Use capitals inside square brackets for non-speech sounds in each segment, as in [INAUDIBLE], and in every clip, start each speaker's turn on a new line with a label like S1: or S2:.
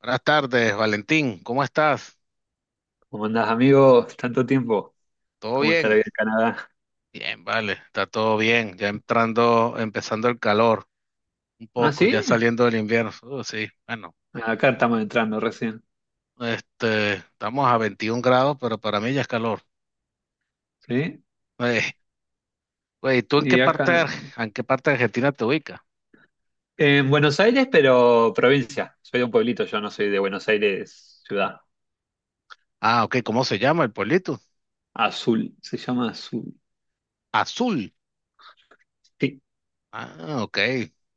S1: Buenas tardes, Valentín. ¿Cómo estás?
S2: ¿Cómo andás, amigo? Tanto tiempo.
S1: ¿Todo
S2: ¿Cómo está la
S1: bien?
S2: vida en Canadá?
S1: Bien, vale, está todo bien. Ya entrando, empezando el calor un
S2: ¿Ah,
S1: poco, ya
S2: sí?
S1: saliendo del invierno. Sí, bueno,
S2: Acá estamos entrando recién.
S1: estamos a 21 grados, pero para mí ya es calor.
S2: ¿Sí?
S1: Eh, Güey, ¿tú en qué
S2: Y
S1: parte,
S2: acá.
S1: En qué parte de Argentina te ubicas?
S2: En Buenos Aires, pero provincia. Soy de un pueblito, yo no soy de Buenos Aires, ciudad.
S1: Ah, ok, ¿cómo se llama el pueblito?
S2: Azul, se llama Azul.
S1: Azul.
S2: Sí,
S1: Ah, ok,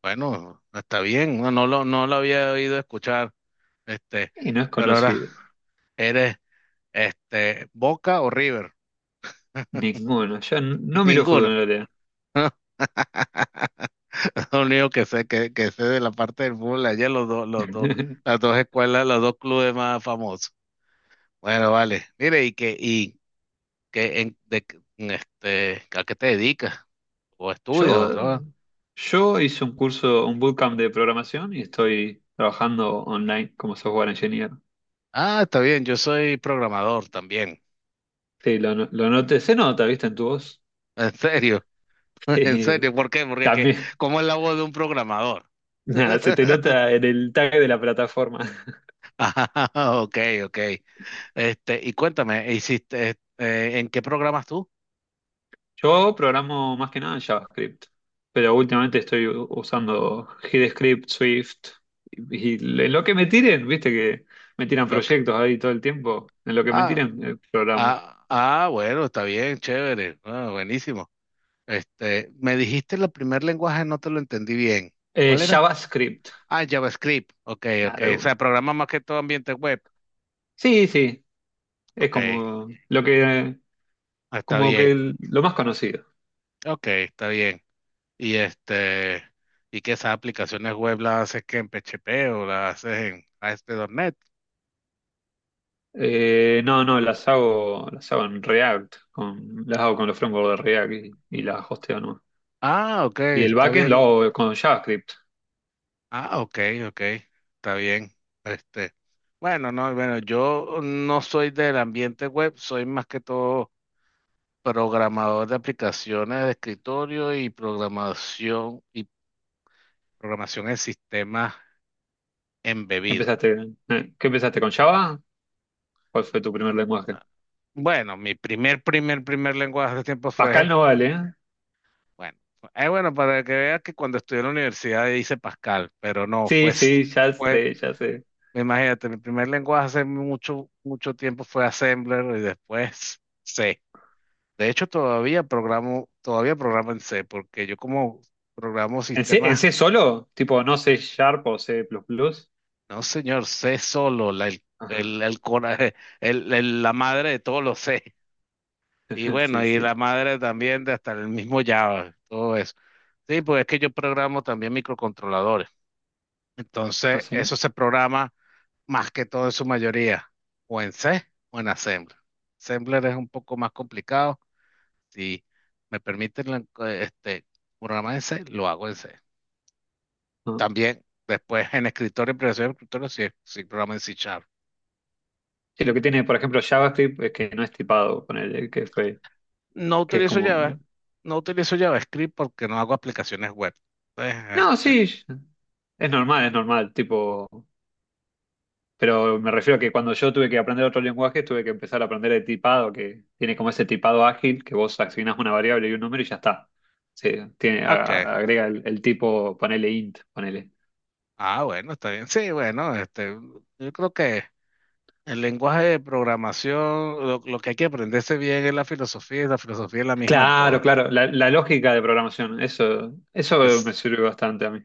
S1: bueno, está bien. No lo había oído escuchar, este,
S2: y no es
S1: pero ahora
S2: conocido.
S1: eres Boca o River.
S2: Ninguno.
S1: [LAUGHS]
S2: No miro fútbol
S1: Ninguno.
S2: en realidad.
S1: Lo único que sé, que sé de la parte del fútbol allá, los dos,
S2: [LAUGHS]
S1: los dos clubes más famosos. Bueno, vale. Mire, y que en, de, en este, ¿a qué te dedicas? ¿O estudias o trabajas?
S2: Yo, yo hice un curso, un bootcamp de programación y estoy trabajando online como software engineer.
S1: Ah, está bien, yo soy programador también.
S2: Sí, lo, no- lo noté. Se nota, ¿viste? En tu voz.
S1: En serio, [LAUGHS] en
S2: [LAUGHS]
S1: serio, ¿por qué?
S2: También.
S1: ¿Cómo es la voz de un programador?
S2: [LAUGHS] Nada, se te
S1: [LAUGHS]
S2: nota en el tag de la plataforma. [LAUGHS]
S1: Ah, ok, ok. Este, y cuéntame, ¿en qué programas tú?
S2: Yo programo más que nada en JavaScript, pero últimamente estoy usando HeadScript, Swift, y, y en lo que me tiren, viste que me tiran
S1: Lo que-
S2: proyectos ahí todo el tiempo, en lo que me
S1: ah,
S2: tiren, programo.
S1: Ah, ah, bueno, está bien, chévere. Ah, buenísimo. Este, me dijiste el primer lenguaje, no te lo entendí bien. ¿Cuál era?
S2: JavaScript,
S1: Ah, JavaScript. Ok, ok. O
S2: claro.
S1: sea, programa más que todo ambiente web.
S2: Sí, sí, es
S1: Ok,
S2: como lo
S1: ah, está
S2: como que
S1: bien.
S2: lo más conocido.
S1: Ok, está bien. Y este, y que esas aplicaciones web las haces que en PHP o las haces en a ASP.NET.
S2: No, no, las hago en React, con, las hago con los frameworks de React y las hosteo, ¿no?
S1: Ah, ok,
S2: Y el
S1: está
S2: backend lo
S1: bien.
S2: hago con JavaScript.
S1: Ah, ok, ok, está bien. Este, bueno, no, bueno, yo no soy del ambiente web, soy más que todo programador de aplicaciones de escritorio y programación en sistemas
S2: ¿Qué
S1: embebidos.
S2: empezaste? ¿Qué empezaste con Java? ¿Cuál fue tu primer lenguaje?
S1: Bueno, mi primer lenguaje de tiempo
S2: Pascal
S1: fue,
S2: no vale, ¿eh?
S1: bueno, bueno, para que veas que cuando estudié en la universidad hice Pascal, pero no,
S2: Sí, sí, ya
S1: fue,
S2: sé, ya sé.
S1: imagínate, mi primer lenguaje hace mucho, mucho tiempo fue Assembler y después C. De hecho, todavía programo en C, porque yo como programo
S2: En
S1: sistemas,
S2: C solo? Tipo, no C Sharp o C++.
S1: no señor, C solo, la,
S2: Ajá.
S1: el cora- [LAUGHS] la madre de todos los C. Y
S2: [LAUGHS]
S1: bueno,
S2: Sí,
S1: y
S2: sí.
S1: la madre también de hasta el mismo Java, todo eso. Sí, pues es que yo programo también microcontroladores.
S2: ¿Ah,
S1: Entonces,
S2: sí?
S1: eso se programa más que todo en su mayoría, o en C o en Assembler. Assembler es un poco más complicado. Si me permiten la- este programa en C, lo hago en C.
S2: No.
S1: También después en escritorio, en creación de escritorio, sí, sí programa en C Sharp.
S2: Sí, lo que tiene, por ejemplo, JavaScript es que no es tipado, ponele, que fue,
S1: No
S2: que es
S1: utilizo
S2: como.
S1: Java, no utilizo JavaScript porque no hago aplicaciones web. Entonces,
S2: No, sí, es normal, es normal. Tipo. Pero me refiero a que cuando yo tuve que aprender otro lenguaje, tuve que empezar a aprender el tipado, que tiene como ese tipado ágil, que vos asignás una variable y un número y ya está. Se tiene,
S1: ok.
S2: agrega el tipo, ponele int, ponele.
S1: Ah, bueno, está bien. Sí, bueno, yo creo que el lenguaje de programación, lo que hay que aprenderse bien es la filosofía, y la filosofía es la misma en
S2: Claro,
S1: todas.
S2: claro, la lógica de programación, eso me
S1: Es-
S2: sirve bastante a mí.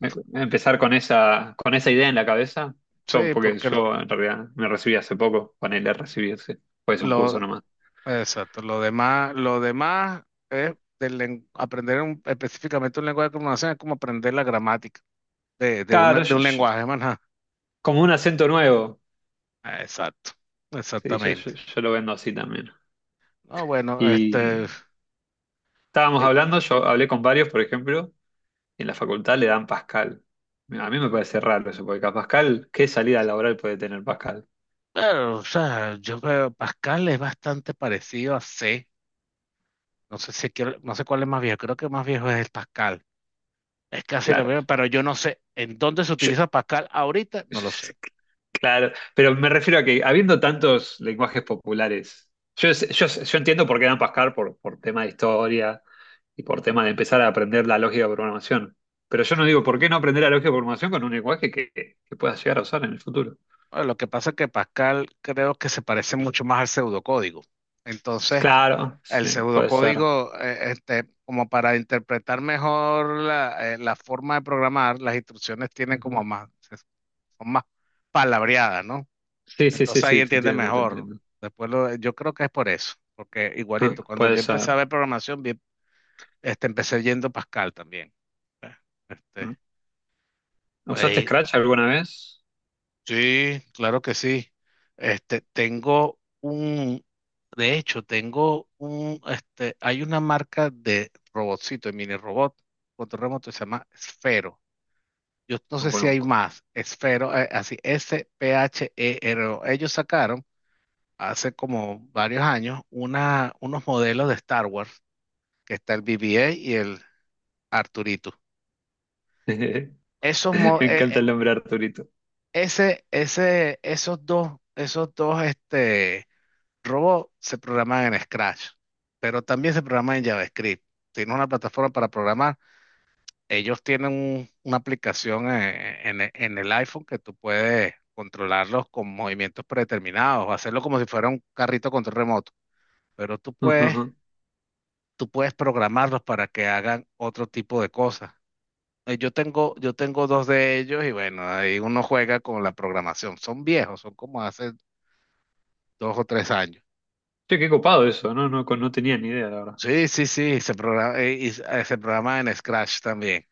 S2: Empezar con esa idea en la cabeza, yo,
S1: Sí,
S2: porque
S1: porque
S2: yo en realidad me recibí hace poco, ponele a recibirse, pues un curso
S1: lo,
S2: nomás.
S1: exacto, lo demás es aprender específicamente un lenguaje de comunicación es como aprender la gramática
S2: Claro,
S1: de un lenguaje, más nada.
S2: como un acento nuevo,
S1: Ah, exacto,
S2: sí,
S1: exactamente.
S2: yo lo vendo así también.
S1: No, bueno,
S2: Y estábamos
S1: eh,
S2: hablando, yo hablé con varios, por ejemplo, y en la facultad le dan Pascal. A mí me parece raro eso, porque a Pascal, ¿qué salida laboral puede tener Pascal?
S1: pero, o sea, yo creo Pascal es bastante parecido a C. No sé cuál es más viejo, creo que más viejo es el Pascal. Es casi la
S2: Claro.
S1: misma, pero yo no sé en dónde se
S2: Yo.
S1: utiliza Pascal ahorita, no lo sé.
S2: [LAUGHS] Claro, pero me refiero a que habiendo tantos lenguajes populares, yo entiendo por qué dan Pascal por tema de historia y por tema de empezar a aprender la lógica de programación. Pero yo no digo, ¿por qué no aprender la lógica de programación con un lenguaje que puedas llegar a usar en el futuro?
S1: Bueno, lo que pasa es que Pascal creo que se parece mucho más al pseudocódigo. Entonces,
S2: Claro,
S1: el
S2: sí, puede ser.
S1: pseudocódigo, como para interpretar mejor la forma de programar, las instrucciones tienen como más, son más palabreadas, ¿no?
S2: Sí, sí, sí,
S1: Entonces ahí
S2: sí, te
S1: entiende
S2: entiendo, te
S1: mejor.
S2: entiendo.
S1: Yo creo que es por eso, porque
S2: Ah,
S1: igualito, cuando
S2: puede
S1: yo empecé a
S2: ser.
S1: ver programación, empecé yendo Pascal también. eh,
S2: ¿No? ¿Usaste
S1: Este,
S2: Scratch alguna vez?
S1: Sí, claro que sí. Este, tengo un, de hecho, hay una marca de robotcito, de mini robot, control remoto, se llama Esfero. Yo no
S2: No
S1: sé si hay
S2: conozco.
S1: más, Esfero, así, Sphero. Ellos sacaron hace como varios años unos modelos de Star Wars, que está el BB-8 y el Arturito.
S2: [LAUGHS] Me
S1: Esos, mo-
S2: encanta el nombre Arturito.
S1: ese, ese, esos dos, esos dos Robot se programaba en Scratch, pero también se programa en JavaScript. Tiene una plataforma para programar. Ellos tienen una aplicación en el iPhone que tú puedes controlarlos con movimientos predeterminados, o hacerlo como si fuera un carrito control remoto. Pero
S2: [LAUGHS] Ujú, ujú.
S1: tú puedes programarlos para que hagan otro tipo de cosas. Yo tengo dos de ellos y bueno, ahí uno juega con la programación. Son viejos, son como hace 2 o 3 años.
S2: Che, qué copado eso, no, no, no tenía ni idea, la verdad.
S1: Sí, sí, sí, se programa, se programa en Scratch también.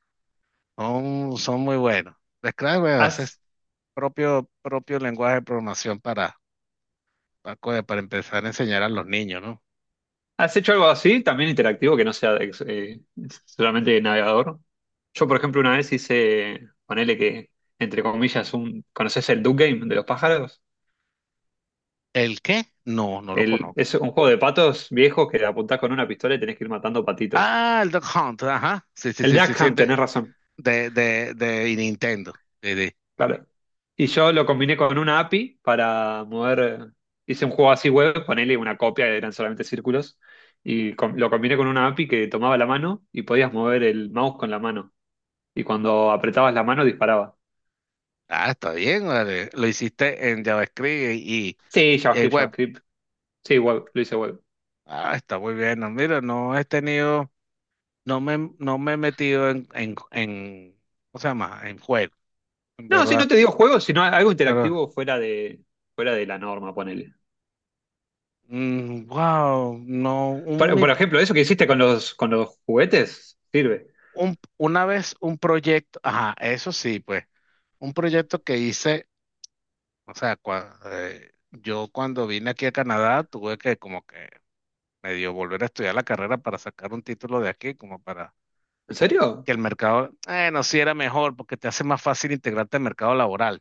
S1: Son muy buenos. De Scratch, bueno, ese es
S2: ¿Has,
S1: propio, propio lenguaje de programación para empezar a enseñar a los niños, ¿no?
S2: has hecho algo así, también interactivo, que no sea solamente de navegador? Yo, por ejemplo, una vez hice, ponele que, entre comillas, un, ¿conoces el Duck Game de los pájaros?
S1: ¿El qué? No, no lo
S2: El,
S1: conozco.
S2: es un juego de patos viejos que apuntás con una pistola y tenés que ir matando patitos.
S1: Ah, el Duck Hunt, ajá. Sí, sí,
S2: El
S1: sí, sí,
S2: Duck
S1: sí,
S2: Hunt, tenés razón.
S1: de Nintendo. Sí, sí.
S2: Claro. Y yo lo combiné con una API para mover, hice un juego así web, ponele una copia, eran solamente círculos, y lo combiné con una API que tomaba la mano y podías mover el mouse con la mano. Y cuando apretabas la mano disparaba.
S1: Ah, está bien, vale. Lo hiciste en JavaScript
S2: Sí,
S1: y
S2: JavaScript,
S1: web.
S2: JavaScript. Sí, web, lo hice web.
S1: Ah, está muy bien. No, mira, no he tenido. No me he metido en, ¿cómo se llama? En juego, en
S2: No, sí,
S1: verdad.
S2: no te digo juegos, sino algo
S1: Pero,
S2: interactivo fuera de la norma, ponele.
S1: wow, no, un, mi-
S2: Por ejemplo, eso que hiciste con los juguetes, sirve.
S1: un- una vez un proyecto, ajá, eso sí, pues, un proyecto que hice, o sea, yo cuando vine aquí a Canadá tuve que como que medio volver a estudiar la carrera para sacar un título de aquí, como para
S2: ¿En serio?
S1: que el mercado, no, sí era mejor, porque te hace más fácil integrarte al mercado laboral.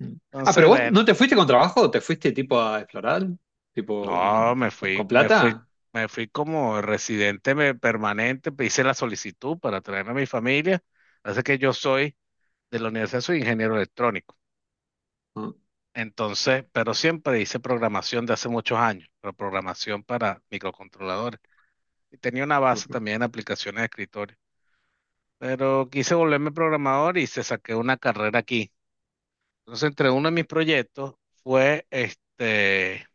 S2: Mm. Ah,
S1: Entonces,
S2: pero vos no
S1: bueno.
S2: te fuiste con trabajo, te fuiste tipo a explorar, tipo
S1: No,
S2: con plata.
S1: me fui como residente permanente, hice la solicitud para traerme a mi familia. Así que yo soy de la universidad, soy ingeniero electrónico.
S2: No,
S1: Entonces, pero siempre hice programación de hace muchos años, pero programación para microcontroladores. Y tenía una
S2: no,
S1: base también en aplicaciones de escritorio. Pero quise volverme programador y se saqué una carrera aquí. Entonces, entre uno de mis proyectos fue este,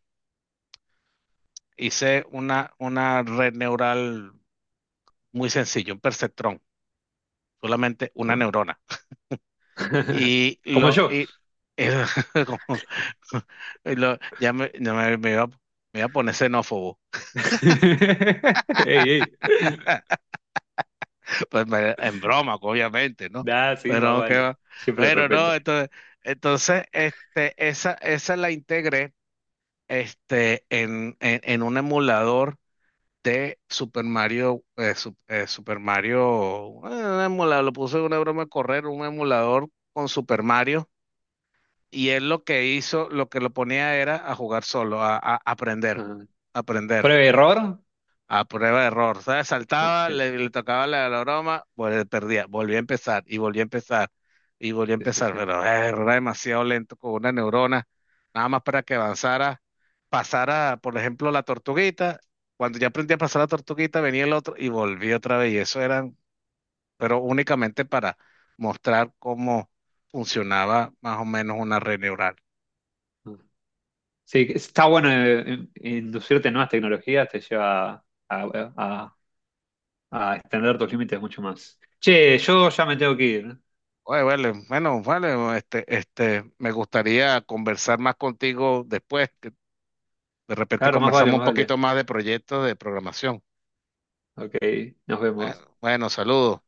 S1: hice una red neural muy sencilla, un perceptrón solamente una
S2: no.
S1: neurona.
S2: [LAUGHS]
S1: Y
S2: Como
S1: lo,
S2: yo.
S1: y, [LAUGHS] como- ya me, me iba a poner xenófobo,
S2: [LAUGHS] Ey, ey.
S1: [LAUGHS] en broma, obviamente, ¿no?
S2: Nah, sí, más
S1: Pero que
S2: vale.
S1: va.
S2: Siempre
S1: Bueno,
S2: respeto.
S1: no, entonces esa la integré en un emulador de Super Mario, Super Mario, un emulador, lo puse en una broma a correr, un emulador con Super Mario. Y él lo que hizo, lo que lo ponía era a jugar solo, a aprender,
S2: Ah,
S1: aprender,
S2: ¿prueba y error?
S1: a prueba de error. ¿Sabes?
S2: No
S1: Saltaba,
S2: sé. Sí,
S1: le tocaba la broma, pues perdía, volvía a empezar y volvía a
S2: sí, sí,
S1: empezar,
S2: sí.
S1: pero era demasiado lento con una neurona, nada más para que avanzara, pasara, por ejemplo, la tortuguita. Cuando ya aprendí a pasar la tortuguita, venía el otro y volvía otra vez. Y eso eran, pero únicamente para mostrar cómo funcionaba más o menos una red neural.
S2: Ah. Sí, está bueno inducirte en nuevas tecnologías, te lleva a, a extender tus límites mucho más. Che, yo ya me tengo que ir.
S1: Oye, vale, bueno, vale, me gustaría conversar más contigo después, que de repente
S2: Claro, más vale,
S1: conversamos un
S2: más vale.
S1: poquito más de proyectos de programación.
S2: Ok, nos
S1: Bueno,
S2: vemos.
S1: bueno, saludos.